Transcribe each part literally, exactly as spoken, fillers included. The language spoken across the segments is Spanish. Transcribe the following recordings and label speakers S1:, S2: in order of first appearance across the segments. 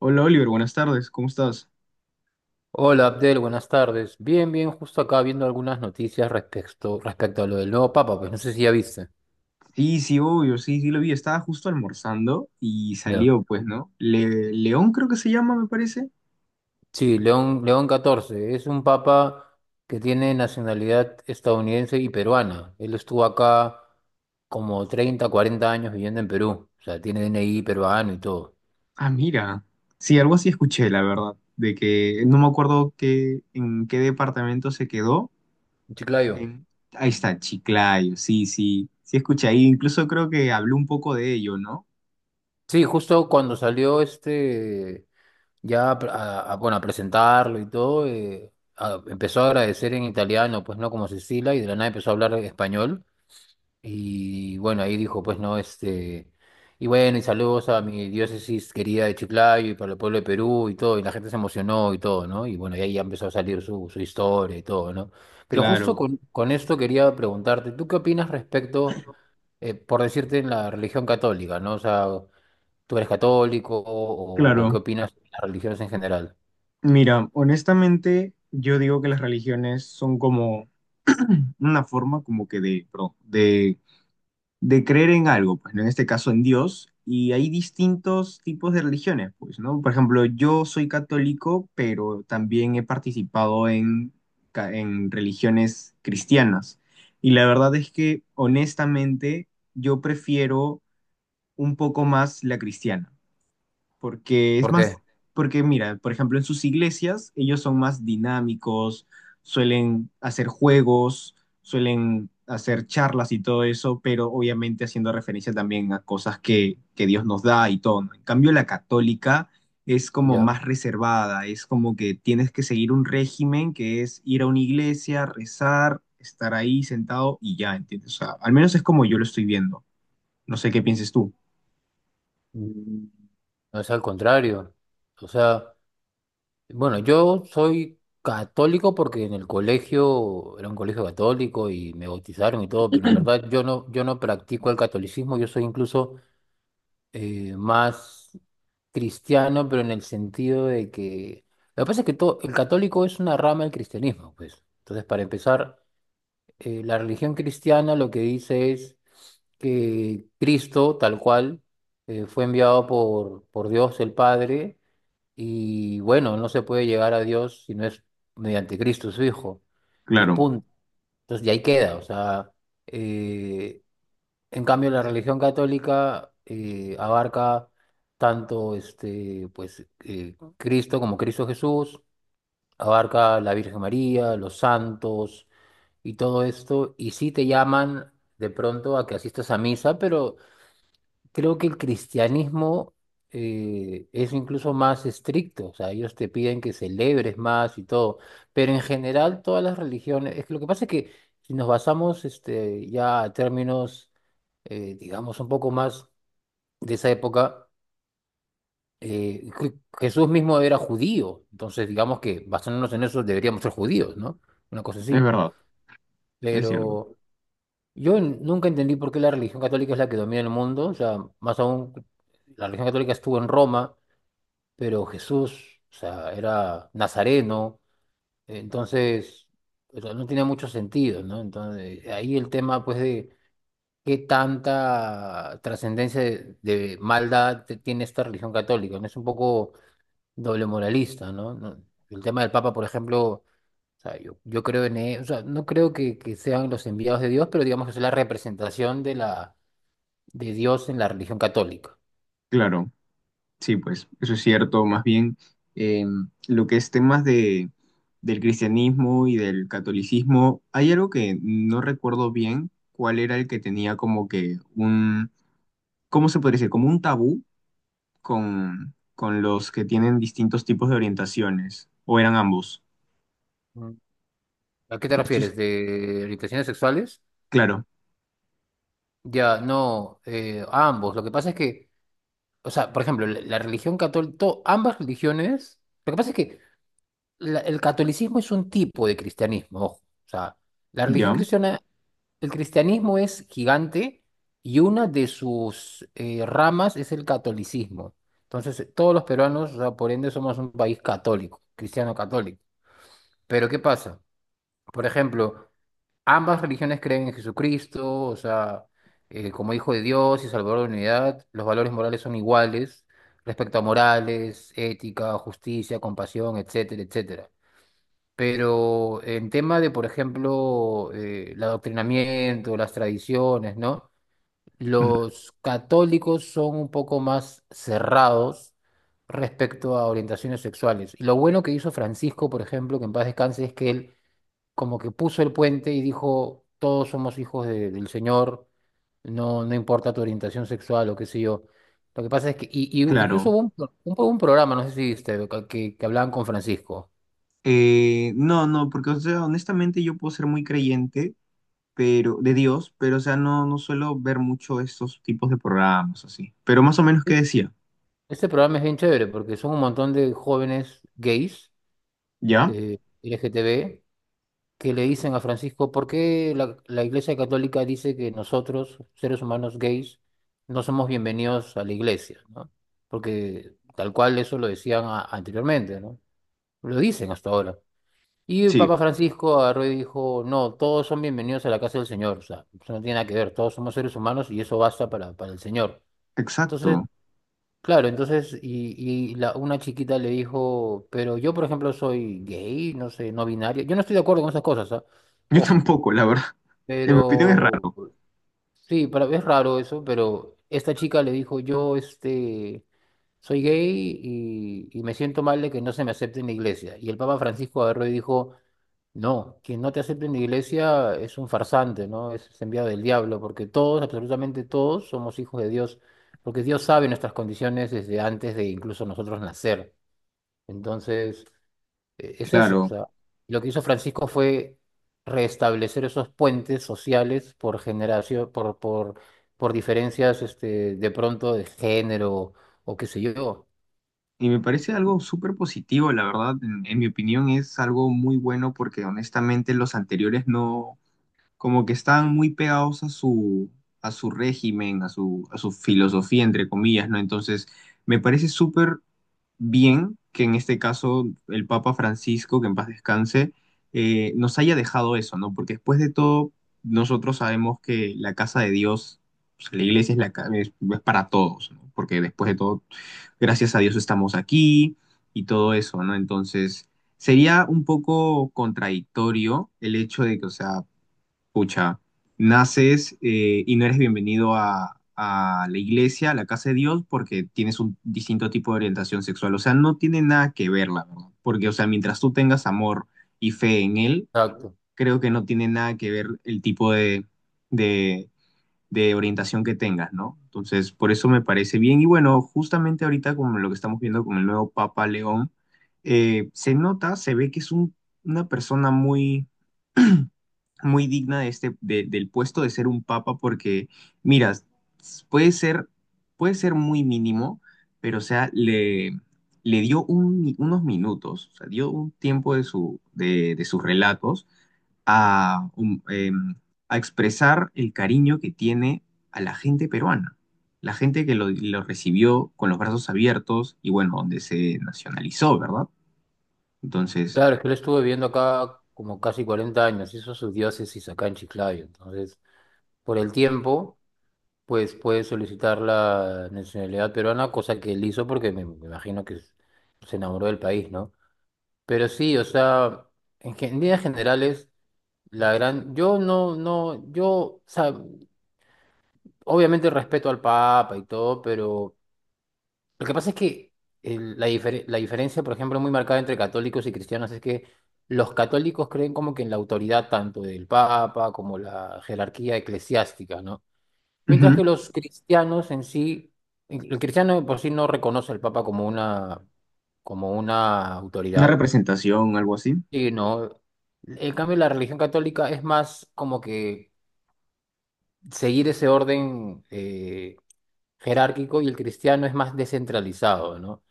S1: Hola Oliver, buenas tardes, ¿cómo estás?
S2: Hola Abdel, buenas tardes. Bien, bien, justo acá viendo algunas noticias respecto, respecto a lo del nuevo papa, pues no sé si ya viste.
S1: Sí, sí, obvio, sí, sí lo vi, estaba justo almorzando y
S2: Ya.
S1: salió, pues, ¿no? Le- León creo que se llama, me parece.
S2: Sí, León, León catorce. Es un papa que tiene nacionalidad estadounidense y peruana. Él estuvo acá como treinta, cuarenta años viviendo en Perú. O sea, tiene D N I peruano y todo.
S1: Ah, mira, sí, algo así escuché, la verdad, de que no me acuerdo qué, en qué departamento se quedó.
S2: Chiclayo.
S1: En... Ahí está, Chiclayo, sí, sí, sí escuché ahí, incluso creo que habló un poco de ello, ¿no?
S2: Sí, justo cuando salió este. Ya a, a- bueno, a presentarlo y todo, eh, a- empezó a agradecer en italiano, pues no como Cecilia, y de la nada empezó a hablar español. Y bueno, ahí dijo, pues no, este, y bueno, y saludos a mi diócesis querida de Chiclayo y para el pueblo de Perú y todo, y la gente se emocionó y todo, ¿no? Y bueno, y ahí ya empezó a salir su, su historia y todo, ¿no? Pero justo
S1: Claro,
S2: con, con esto quería preguntarte, ¿tú qué opinas respecto, eh, por decirte, en la religión católica?, ¿no? O sea, ¿tú eres católico o o
S1: claro.
S2: qué opinas de las religiones en general?
S1: Mira, honestamente, yo digo que las religiones son como una forma como que de, perdón, de de creer en algo, pues, ¿no? En este caso en Dios, y hay distintos tipos de religiones, pues, ¿no? Por ejemplo, yo soy católico, pero también he participado en, ca- en religiones cristianas. Y la verdad es que, honestamente, yo prefiero un poco más la cristiana porque es
S2: ¿Por
S1: más,
S2: qué?
S1: porque mira, por ejemplo, en sus iglesias ellos son más dinámicos, suelen hacer juegos, suelen hacer charlas y todo eso, pero obviamente haciendo referencia también a cosas que, que Dios nos da y todo, ¿no? En cambio, la católica es como
S2: Ya.
S1: más reservada, es como que tienes que seguir un régimen que es ir a una iglesia, rezar, estar ahí sentado y ya, ¿entiendes? O sea, al menos es como yo lo estoy viendo. No sé qué pienses tú.
S2: Mm, No, es al contrario. O sea, bueno, yo soy católico porque en el colegio era un colegio católico y me bautizaron y todo, pero en verdad yo no, yo no practico el catolicismo, yo soy incluso eh, más cristiano, pero en el sentido de que. Lo que pasa es que todo, el católico es una rama del cristianismo, pues. Entonces, para empezar, eh, la religión cristiana lo que dice es que Cristo, tal cual, eh, fue enviado por, por Dios el Padre, y bueno, no se puede llegar a Dios si no es mediante Cristo, su Hijo, y
S1: Claro,
S2: punto. Entonces, de ahí queda, o sea, eh, en cambio la religión católica eh, abarca tanto este, pues, eh, Cristo como Cristo Jesús, abarca la Virgen María, los santos y todo esto, y sí te llaman de pronto a que asistas a misa, pero creo que el cristianismo eh, es incluso más estricto, o sea, ellos te piden que celebres más y todo, pero en general todas las religiones, es que lo que pasa es que si nos basamos este, ya a términos, eh, digamos, un poco más de esa época, eh, Je- Jesús mismo era judío, entonces digamos que basándonos en eso deberíamos ser judíos, ¿no? Una cosa
S1: es
S2: así,
S1: verdad, es cierto.
S2: pero. Yo n- nunca entendí por qué la religión católica es la que domina el mundo, o sea, más aún, la religión católica estuvo en Roma, pero Jesús, o sea, era nazareno, entonces, o sea, no tenía mucho sentido, ¿no? Entonces, ahí el tema, pues, de qué tanta trascendencia de, de maldad te- tiene esta religión católica, ¿no? Es un poco doble moralista, ¿no? No- El tema del Papa, por ejemplo. O sea, yo, yo creo en él, o sea, no creo que, que sean los enviados de Dios, pero digamos que es la representación de la, de Dios en la religión católica.
S1: Claro. Sí, pues eso es cierto. Más bien, eh, lo que es temas de, del cristianismo y del catolicismo, hay algo que no recuerdo bien cuál era el que tenía como que un, ¿cómo se podría decir? Como un tabú con, con los que tienen distintos tipos de orientaciones, o eran ambos.
S2: Mm. ¿A qué te
S1: No estoy
S2: refieres? ¿De orientaciones sexuales?
S1: claro,
S2: Ya, no, eh, ambos. Lo que pasa es que, o sea, por ejemplo, la, la religión católica, ambas religiones, lo que pasa es que la- el catolicismo es un tipo de cristianismo, ojo. O sea, la religión
S1: ¿ya?
S2: cristiana, el cristianismo es gigante y una de sus eh, ramas es el catolicismo. Entonces, eh, todos los peruanos, o sea, por ende, somos un país católico, cristiano católico. Pero, ¿qué pasa? Por ejemplo, ambas religiones creen en Jesucristo, o sea, eh, como Hijo de Dios y Salvador de la unidad. Los valores morales son iguales respecto a morales, ética, justicia, compasión, etcétera, etcétera. Pero en tema de, por ejemplo, eh, el adoctrinamiento, las tradiciones, ¿no?
S1: Ujú.
S2: Los católicos son un poco más cerrados respecto a orientaciones sexuales. Y lo bueno que hizo Francisco, por ejemplo, que en paz descanse, es que él como que puso el puente y dijo, todos somos hijos de- del Señor, no, no importa tu orientación sexual o qué sé yo. Lo que pasa es que, y, y incluso
S1: Claro.
S2: hubo un, pro- un, un programa, no sé si viste, que, que hablaban con Francisco.
S1: Eh, no, no, porque, o sea, honestamente yo puedo ser muy creyente pero de Dios, pero, o sea, no, no suelo ver mucho esos tipos de programas así. Pero más o menos qué
S2: E-
S1: decía,
S2: Este programa es bien chévere porque son un montón de jóvenes gays,
S1: ¿ya?
S2: eh, L G T B, que le dicen a Francisco, ¿por qué la, la Iglesia Católica dice que nosotros, seres humanos gays, no somos bienvenidos a la iglesia?, ¿no? Porque tal cual eso lo decían a- anteriormente, ¿no? Lo dicen hasta ahora. Y el
S1: Sí,
S2: Papa Francisco agarró y dijo, no, todos son bienvenidos a la casa del Señor. O sea, eso no tiene nada que ver, todos somos seres humanos y eso basta para, para el Señor. Entonces,
S1: exacto.
S2: claro, entonces, y, y la, una chiquita le dijo, pero yo, por ejemplo, soy gay, no sé, no binario. Yo no estoy de acuerdo con esas cosas, ¿ah?
S1: Yo
S2: Ojo.
S1: tampoco, la verdad. En mi opinión es
S2: Pero
S1: raro,
S2: sí, para, es raro eso, pero esta chica le dijo, yo, este soy gay y, y me siento mal de que no se me acepte en la iglesia. Y el Papa Francisco agarró y dijo, no, quien no te acepte en la iglesia es un farsante, ¿no? Es, es enviado del diablo, porque todos, absolutamente todos, somos hijos de Dios, porque Dios sabe nuestras condiciones desde antes de incluso nosotros nacer. Entonces, e- es eso, o
S1: claro.
S2: sea, lo que hizo Francisco fue restablecer esos puentes sociales por generación, por, por, por diferencias, este, de pronto de género o qué sé yo.
S1: Y me parece
S2: Entonces.
S1: algo súper positivo, la verdad. En, en mi opinión es algo muy bueno porque honestamente los anteriores no, como que estaban muy pegados a su, a su régimen, a su, a su filosofía, entre comillas, ¿no? Entonces, me parece súper bien que en este caso el Papa Francisco, que en paz descanse, eh, nos haya dejado eso, ¿no? Porque después de todo, nosotros sabemos que la casa de Dios, pues, la iglesia es, la, ca- es, es para todos, ¿no? Porque después de todo, gracias a Dios estamos aquí y todo eso, ¿no? Entonces, sería un poco contradictorio el hecho de que, o sea, escucha, naces eh, y no eres bienvenido a, a la iglesia, a la casa de Dios, porque tienes un distinto tipo de orientación sexual. O sea, no tiene nada que ver, la verdad. Porque, o sea, mientras tú tengas amor y fe en Él,
S2: Exacto.
S1: creo que no tiene nada que ver el tipo de, de, de orientación que tengas, ¿no? Entonces, por eso me parece bien. Y bueno, justamente ahorita, como lo que estamos viendo con el nuevo Papa León, eh, se nota, se ve que es un- una persona muy muy digna de este, de- del puesto de ser un papa, porque, mira, s- puede ser, puede ser muy mínimo, pero, o sea, le, le dio un- mi- unos minutos, o sea, dio un tiempo de, su, de, de sus relatos a, um, em, a expresar el cariño que tiene a la gente peruana, la gente que lo, lo recibió con los brazos abiertos y, bueno, donde se nacionalizó, ¿verdad? Entonces,
S2: Claro, es que él estuvo viviendo acá como casi cuarenta años, hizo su diócesis acá en Chiclayo. Entonces, por el tiempo, pues puede solicitar la nacionalidad peruana, cosa que él hizo porque me, me imagino que se enamoró del país, ¿no? Pero sí, o sea, en, gen- en líneas generales, la gran. Yo no, no, yo, o sea, obviamente respeto al Papa y todo, pero. Lo que pasa es que el- la, difere- la diferencia, por ejemplo, muy marcada entre católicos y cristianos es que los católicos creen como que en la autoridad tanto del Papa como la jerarquía eclesiástica, ¿no? Mientras
S1: ujú,
S2: que los cristianos en sí, el cristiano de por sí no reconoce al Papa como una, como una
S1: una
S2: autoridad,
S1: representación, algo así,
S2: sino, en cambio, la religión católica es más como que seguir ese orden. eh, jerárquico, y el cristiano es más descentralizado, ¿no?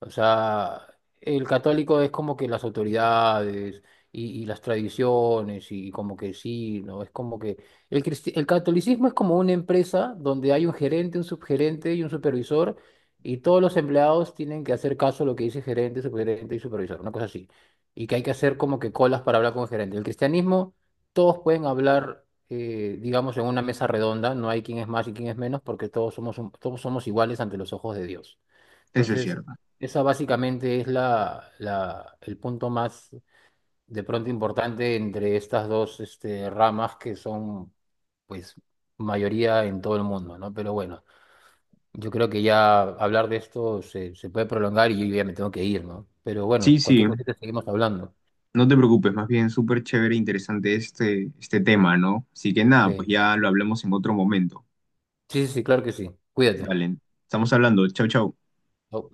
S2: O sea, el católico es como que las autoridades y, y las tradiciones y, como que sí, ¿no? Es como que el, cristi- el catolicismo es como una empresa donde hay un gerente, un subgerente y un supervisor, y todos los empleados tienen que hacer caso a lo que dice gerente, subgerente y supervisor, una cosa así. Y que hay que hacer como que colas para hablar con el gerente. El cristianismo todos pueden hablar, eh, digamos, en una mesa redonda, no hay quien es más y quien es menos, porque todos somos, un- todos somos iguales ante los ojos de Dios.
S1: eso es
S2: Entonces,
S1: cierto.
S2: esa básicamente es la, la- el punto más de pronto importante entre estas dos, este, ramas que son, pues, mayoría en todo el mundo, ¿no? Pero bueno, yo creo que ya hablar de esto se, se puede prolongar y yo ya me tengo que ir, ¿no? Pero
S1: Sí,
S2: bueno,
S1: sí,
S2: cualquier cosita seguimos hablando.
S1: no te preocupes, más bien súper chévere e interesante este, este tema, ¿no? Así que nada, pues
S2: Sí,
S1: ya lo hablamos en otro momento.
S2: sí, sí, sí, claro que sí. Cuídate.
S1: Dale, estamos hablando, chau, chau.
S2: Chau.